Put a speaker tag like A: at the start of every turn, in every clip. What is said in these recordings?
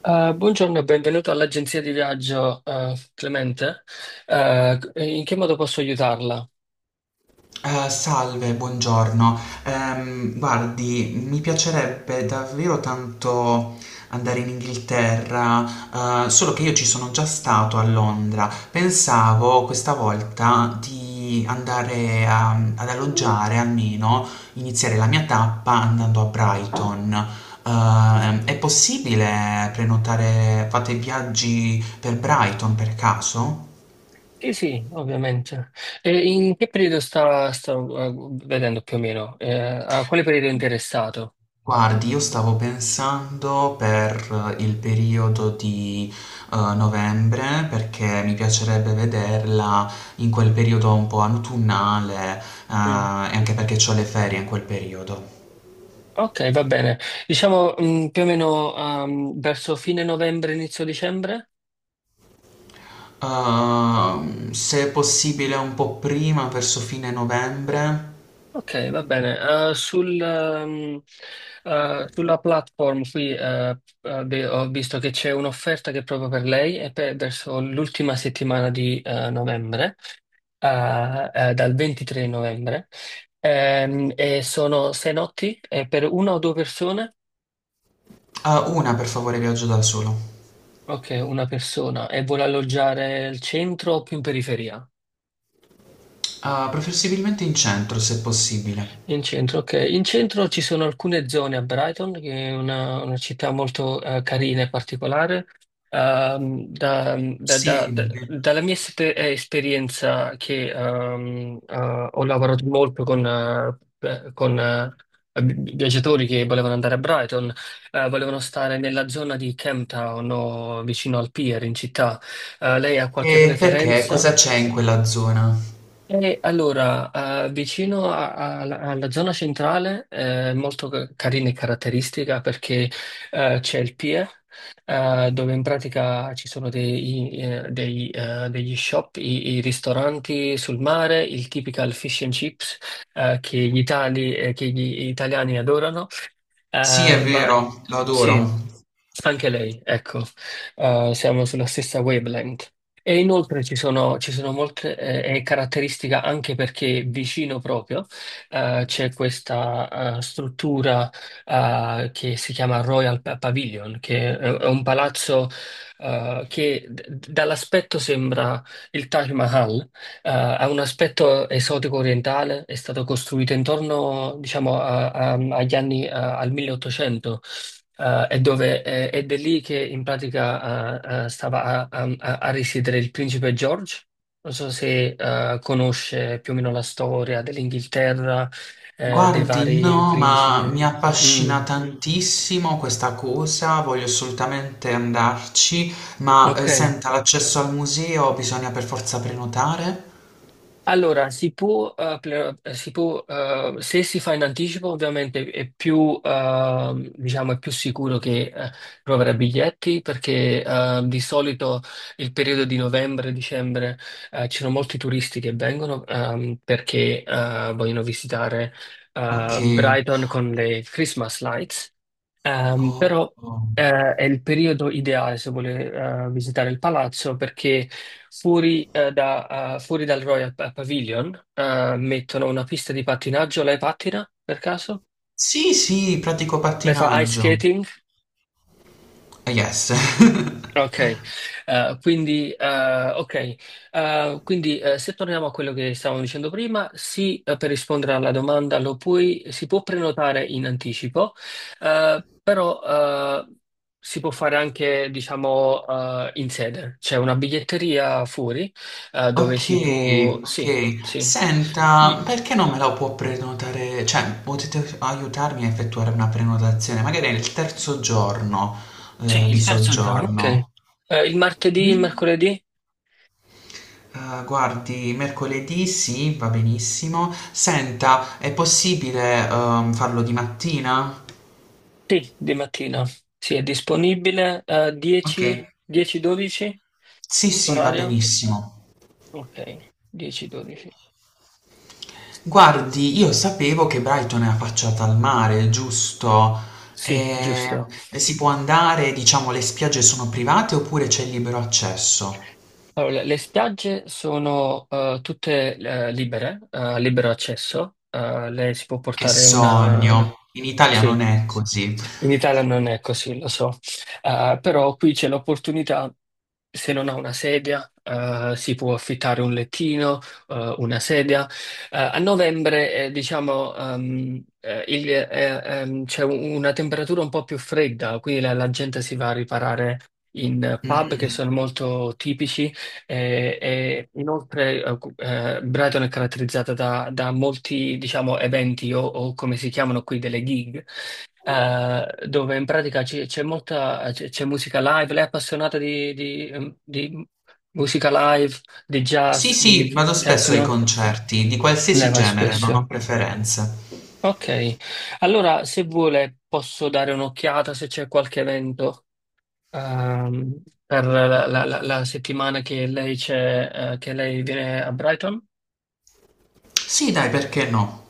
A: Buongiorno e benvenuto all'agenzia di viaggio, Clemente. In che modo posso aiutarla?
B: Salve, buongiorno. Guardi, mi piacerebbe davvero tanto andare in Inghilterra, solo che io ci sono già stato a Londra. Pensavo questa volta di ad alloggiare almeno, iniziare la mia tappa andando a Brighton. È possibile prenotare, fate viaggi per Brighton per caso?
A: Sì, sì, ovviamente. E in che periodo sta vedendo più o meno? A quale periodo è interessato?
B: Guardi, io stavo pensando per il periodo di, novembre, perché mi piacerebbe vederla in quel periodo un po' autunnale,
A: Mm.
B: ehm, e anche perché c'ho le ferie in quel periodo.
A: Ok, va bene. Diciamo, più o meno, verso fine novembre, inizio dicembre?
B: Se è possibile un po' prima, verso fine novembre.
A: Ok, va bene. Eh, sul, ehm, Sulla platform qui beh, ho visto che c'è un'offerta che è proprio per lei e per verso l'ultima settimana di novembre, dal 23 novembre. E sono sei notti per una o due persone?
B: Ah, una per favore, viaggio da solo.
A: Ok, una persona. E vuole alloggiare al centro o più in periferia?
B: Ah, preferibilmente in centro, se possibile.
A: In centro, ok. In centro ci sono alcune zone a Brighton, che è una città molto carina e particolare.
B: Sì,
A: Dalla mia esperienza, che ho lavorato molto con viaggiatori che volevano andare a Brighton, volevano stare nella zona di Camptown o vicino al pier in città. Lei ha qualche
B: e perché?
A: preferenza?
B: Cosa c'è in quella zona?
A: Allora, vicino alla alla zona centrale è molto carina e caratteristica perché c'è il Pie, dove in pratica ci sono degli shop, i ristoranti sul mare, il typical fish and chips che gli italiani adorano.
B: Sì,
A: Eh,
B: è
A: ma
B: vero, lo
A: sì,
B: adoro.
A: anche lei, ecco. Siamo sulla stessa wavelength. E inoltre ci sono molte caratteristiche, anche perché vicino proprio c'è questa struttura che si chiama Pavilion, che è un palazzo che dall'aspetto sembra il Taj Mahal. Ha un aspetto esotico orientale, è stato costruito intorno, diciamo, agli anni, al 1800, ed è lì che in pratica stava a risiedere il principe George. Non so se conosce più o meno la storia dell'Inghilterra, dei
B: Guardi,
A: vari
B: no, ma
A: principi.
B: mi
A: Mm,
B: affascina tantissimo questa cosa, voglio assolutamente andarci, ma
A: ok.
B: senta, l'accesso al museo bisogna per forza prenotare?
A: Allora, si può, si può, se si fa in anticipo, ovviamente è più, diciamo, è più sicuro che trovare biglietti, perché di solito il periodo di novembre, dicembre, ci sono molti turisti che vengono, perché vogliono visitare
B: Ok.
A: Brighton con le Christmas lights.
B: Oh,
A: Però
B: oh.
A: è il periodo ideale se vuole visitare il palazzo, perché fuori, fuori dal Pavilion mettono una pista di pattinaggio. Lei pattina per caso?
B: Sì, sì, pratico
A: Lei fa ice
B: pattinaggio.
A: skating?
B: Ah, yes.
A: Ok, ok. Se torniamo a quello che stavamo dicendo prima, sì, per rispondere alla domanda lo puoi, si può prenotare in anticipo, però eh, si può fare anche, diciamo, in sede. C'è una biglietteria fuori, dove
B: Ok,
A: si può... Sì,
B: ok.
A: sì. I-
B: Senta, perché non me la può prenotare? Cioè, potete aiutarmi a effettuare una prenotazione, magari è il terzo giorno
A: Sì,
B: di
A: il terzo giorno, ok.
B: soggiorno.
A: Il martedì, il
B: Mm?
A: mercoledì?
B: Ah, guardi, mercoledì sì, va benissimo. Senta, è possibile, farlo di mattina?
A: Sì, di mattina. Sì, è disponibile,
B: Ok.
A: 10, 10-12?
B: Sì, sì, va
A: Orario?
B: benissimo.
A: Ok, 10-12.
B: Guardi, io sapevo che Brighton è affacciata al mare, giusto?
A: Sì,
B: E
A: giusto.
B: si può andare, diciamo, le spiagge sono private oppure c'è il libero accesso?
A: Allora, le spiagge sono tutte libere, libero accesso. Lei si può
B: Che
A: portare una...
B: sogno! In Italia non
A: Sì.
B: è così.
A: In Italia non è così, lo so. Però qui c'è l'opportunità, se non ha una sedia, si può affittare un lettino, una sedia. A novembre, diciamo, c'è una temperatura un po' più fredda, quindi la gente si va a riparare in pub che
B: Mm.
A: sono molto tipici, e inoltre Brighton è caratterizzata da, da molti, diciamo, eventi o come si chiamano qui, delle gig, dove in pratica c'è molta c'è musica live. Lei è appassionata di musica live, di
B: Sì,
A: jazz,
B: sì,
A: di
B: vado spesso ai
A: techno.
B: concerti, di
A: Lei
B: qualsiasi
A: va
B: genere, non ho
A: spesso.
B: preferenze.
A: Ok, allora se vuole posso dare un'occhiata se c'è qualche evento, per la settimana che lei c'è, che lei viene a Brighton.
B: Sì, dai, perché no?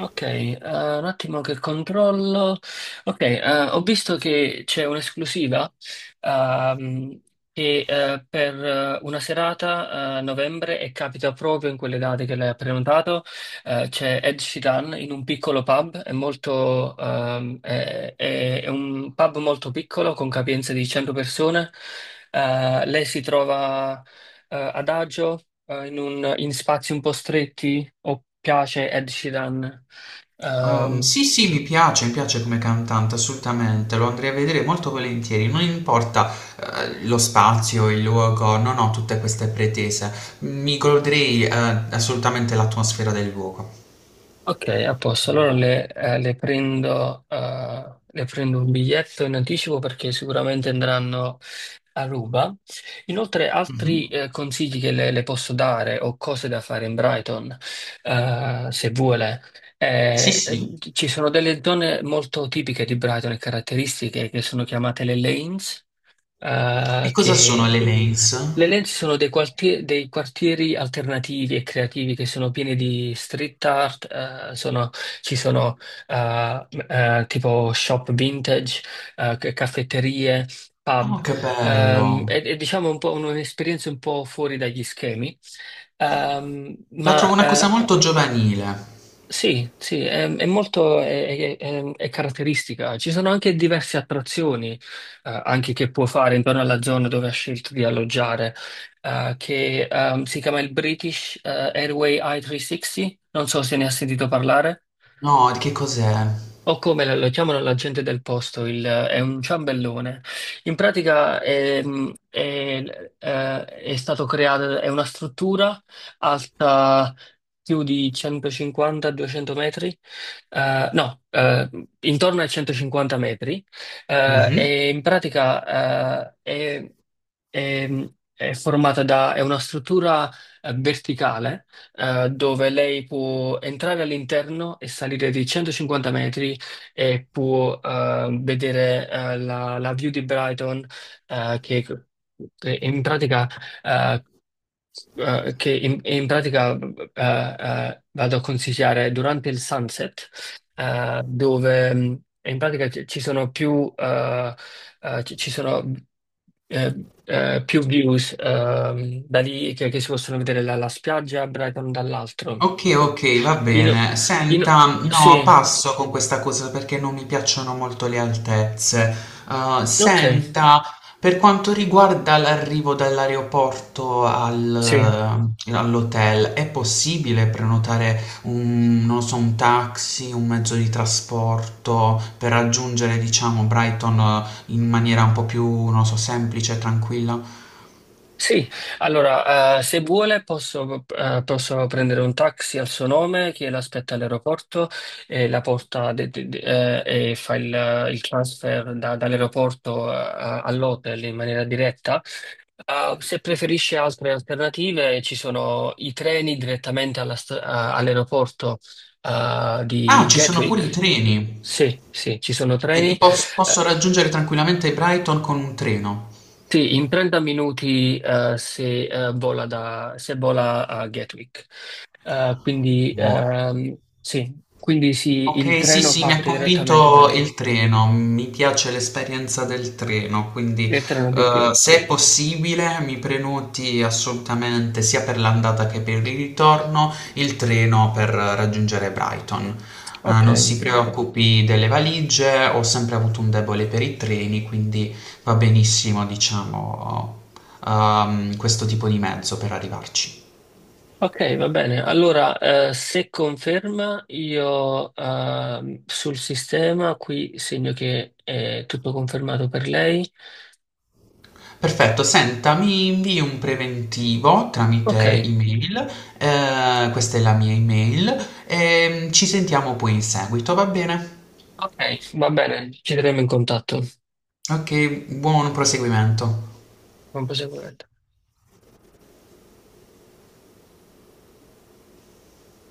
A: Ok, un attimo che controllo. Ok, ho visto che c'è un'esclusiva, ehm, che per una serata a novembre, e capita proprio in quelle date che lei ha prenotato. C'è Ed Sheeran in un piccolo pub, è molto, è un pub molto piccolo, con capienza di 100 persone. Lei si trova ad agio in spazi un po' stretti? O piace Ed Sheeran? Ehm,
B: Sì, sì, mi piace come cantante, assolutamente, lo andrei a vedere molto volentieri, non importa, lo spazio, il luogo, non ho tutte queste pretese, mi goderei, assolutamente l'atmosfera del luogo.
A: ok, a posto. Allora le prendo un biglietto in anticipo, perché sicuramente andranno a ruba. Inoltre, altri
B: Mhm.
A: consigli che le posso dare, o cose da fare in Brighton, se vuole.
B: Sì,
A: Eh, eh,
B: sì.
A: Ci sono delle zone molto tipiche di Brighton e caratteristiche che sono chiamate le lanes,
B: E
A: eh,
B: cosa sono le
A: che
B: lanes?
A: le Lenzi sono dei, dei quartieri alternativi e creativi che sono pieni di street art, eh, sono- ci sono tipo shop vintage, caffetterie,
B: Oh,
A: pub.
B: che bello!
A: È, è, diciamo, un po' un'esperienza un po' fuori dagli schemi. Ehm,
B: La trovo
A: ma
B: una cosa
A: eh,
B: molto giovanile.
A: sì, sì, è molto è caratteristica. Ci sono anche diverse attrazioni, anche, che può fare intorno alla zona dove ha scelto di alloggiare, che si chiama il British Airway I-360. Non so se ne ha sentito parlare.
B: No, di che cos'è?
A: O come lo chiamano la gente del posto, è un ciambellone. In pratica è, è stato creato, è una struttura alta più di 150-200 metri, no, intorno ai 150 metri,
B: Mhm.
A: e in pratica è- è formata da, è una struttura verticale, dove lei può entrare all'interno e salire di 150 metri e può vedere la, la view di Brighton, eh, che, che in pratica, eh, che in, in pratica eh, vado a consigliare durante il sunset, dove in pratica ci sono più, ci sono più views, da lì, che si possono vedere la spiaggia a Brighton dall'altro.
B: Ok, ok, va
A: In,
B: bene.
A: in-
B: Senta, no,
A: sì,
B: passo con questa cosa perché non mi piacciono molto le altezze.
A: ok,
B: Senta, per quanto riguarda l'arrivo
A: sì.
B: all'hotel, è possibile prenotare un, non so, un taxi, un mezzo di trasporto per raggiungere, diciamo, Brighton in maniera un po' più, non so, semplice e tranquilla?
A: Sì, allora, se vuole posso, posso prendere un taxi al suo nome che l'aspetta all'aeroporto e la porta e fa il transfer dall'aeroporto all'hotel in maniera diretta. Se preferisce altre alternative, ci sono i treni direttamente alla all'aeroporto
B: Ah,
A: di
B: ci sono pure i
A: Gatwick.
B: treni.
A: Sì, sì, ci sono
B: E
A: treni.
B: posso
A: Eh,
B: raggiungere tranquillamente Brighton con un treno.
A: Sì, in 30 minuti se vola a Gatwick.
B: Oh.
A: Il
B: Ok, sì,
A: treno
B: sì, mi ha
A: parte direttamente da
B: convinto
A: lì,
B: il treno, mi piace l'esperienza del treno, quindi
A: il treno di più.
B: se è possibile mi prenoti assolutamente sia per l'andata che per il ritorno il treno per raggiungere Brighton.
A: Ok,
B: Non si preoccupi delle valigie, ho sempre avuto un debole per i treni, quindi va benissimo, diciamo, questo tipo di mezzo per arrivarci.
A: ok, va bene. Allora, se conferma, io sul sistema qui segno che è tutto confermato per lei.
B: Perfetto, senta, mi invii un preventivo
A: Ok,
B: tramite email, questa è la mia email, e ci sentiamo poi in seguito, va bene?
A: ok, va bene, ci terremo in contatto
B: Ok, buon proseguimento.
A: con più sicurezza.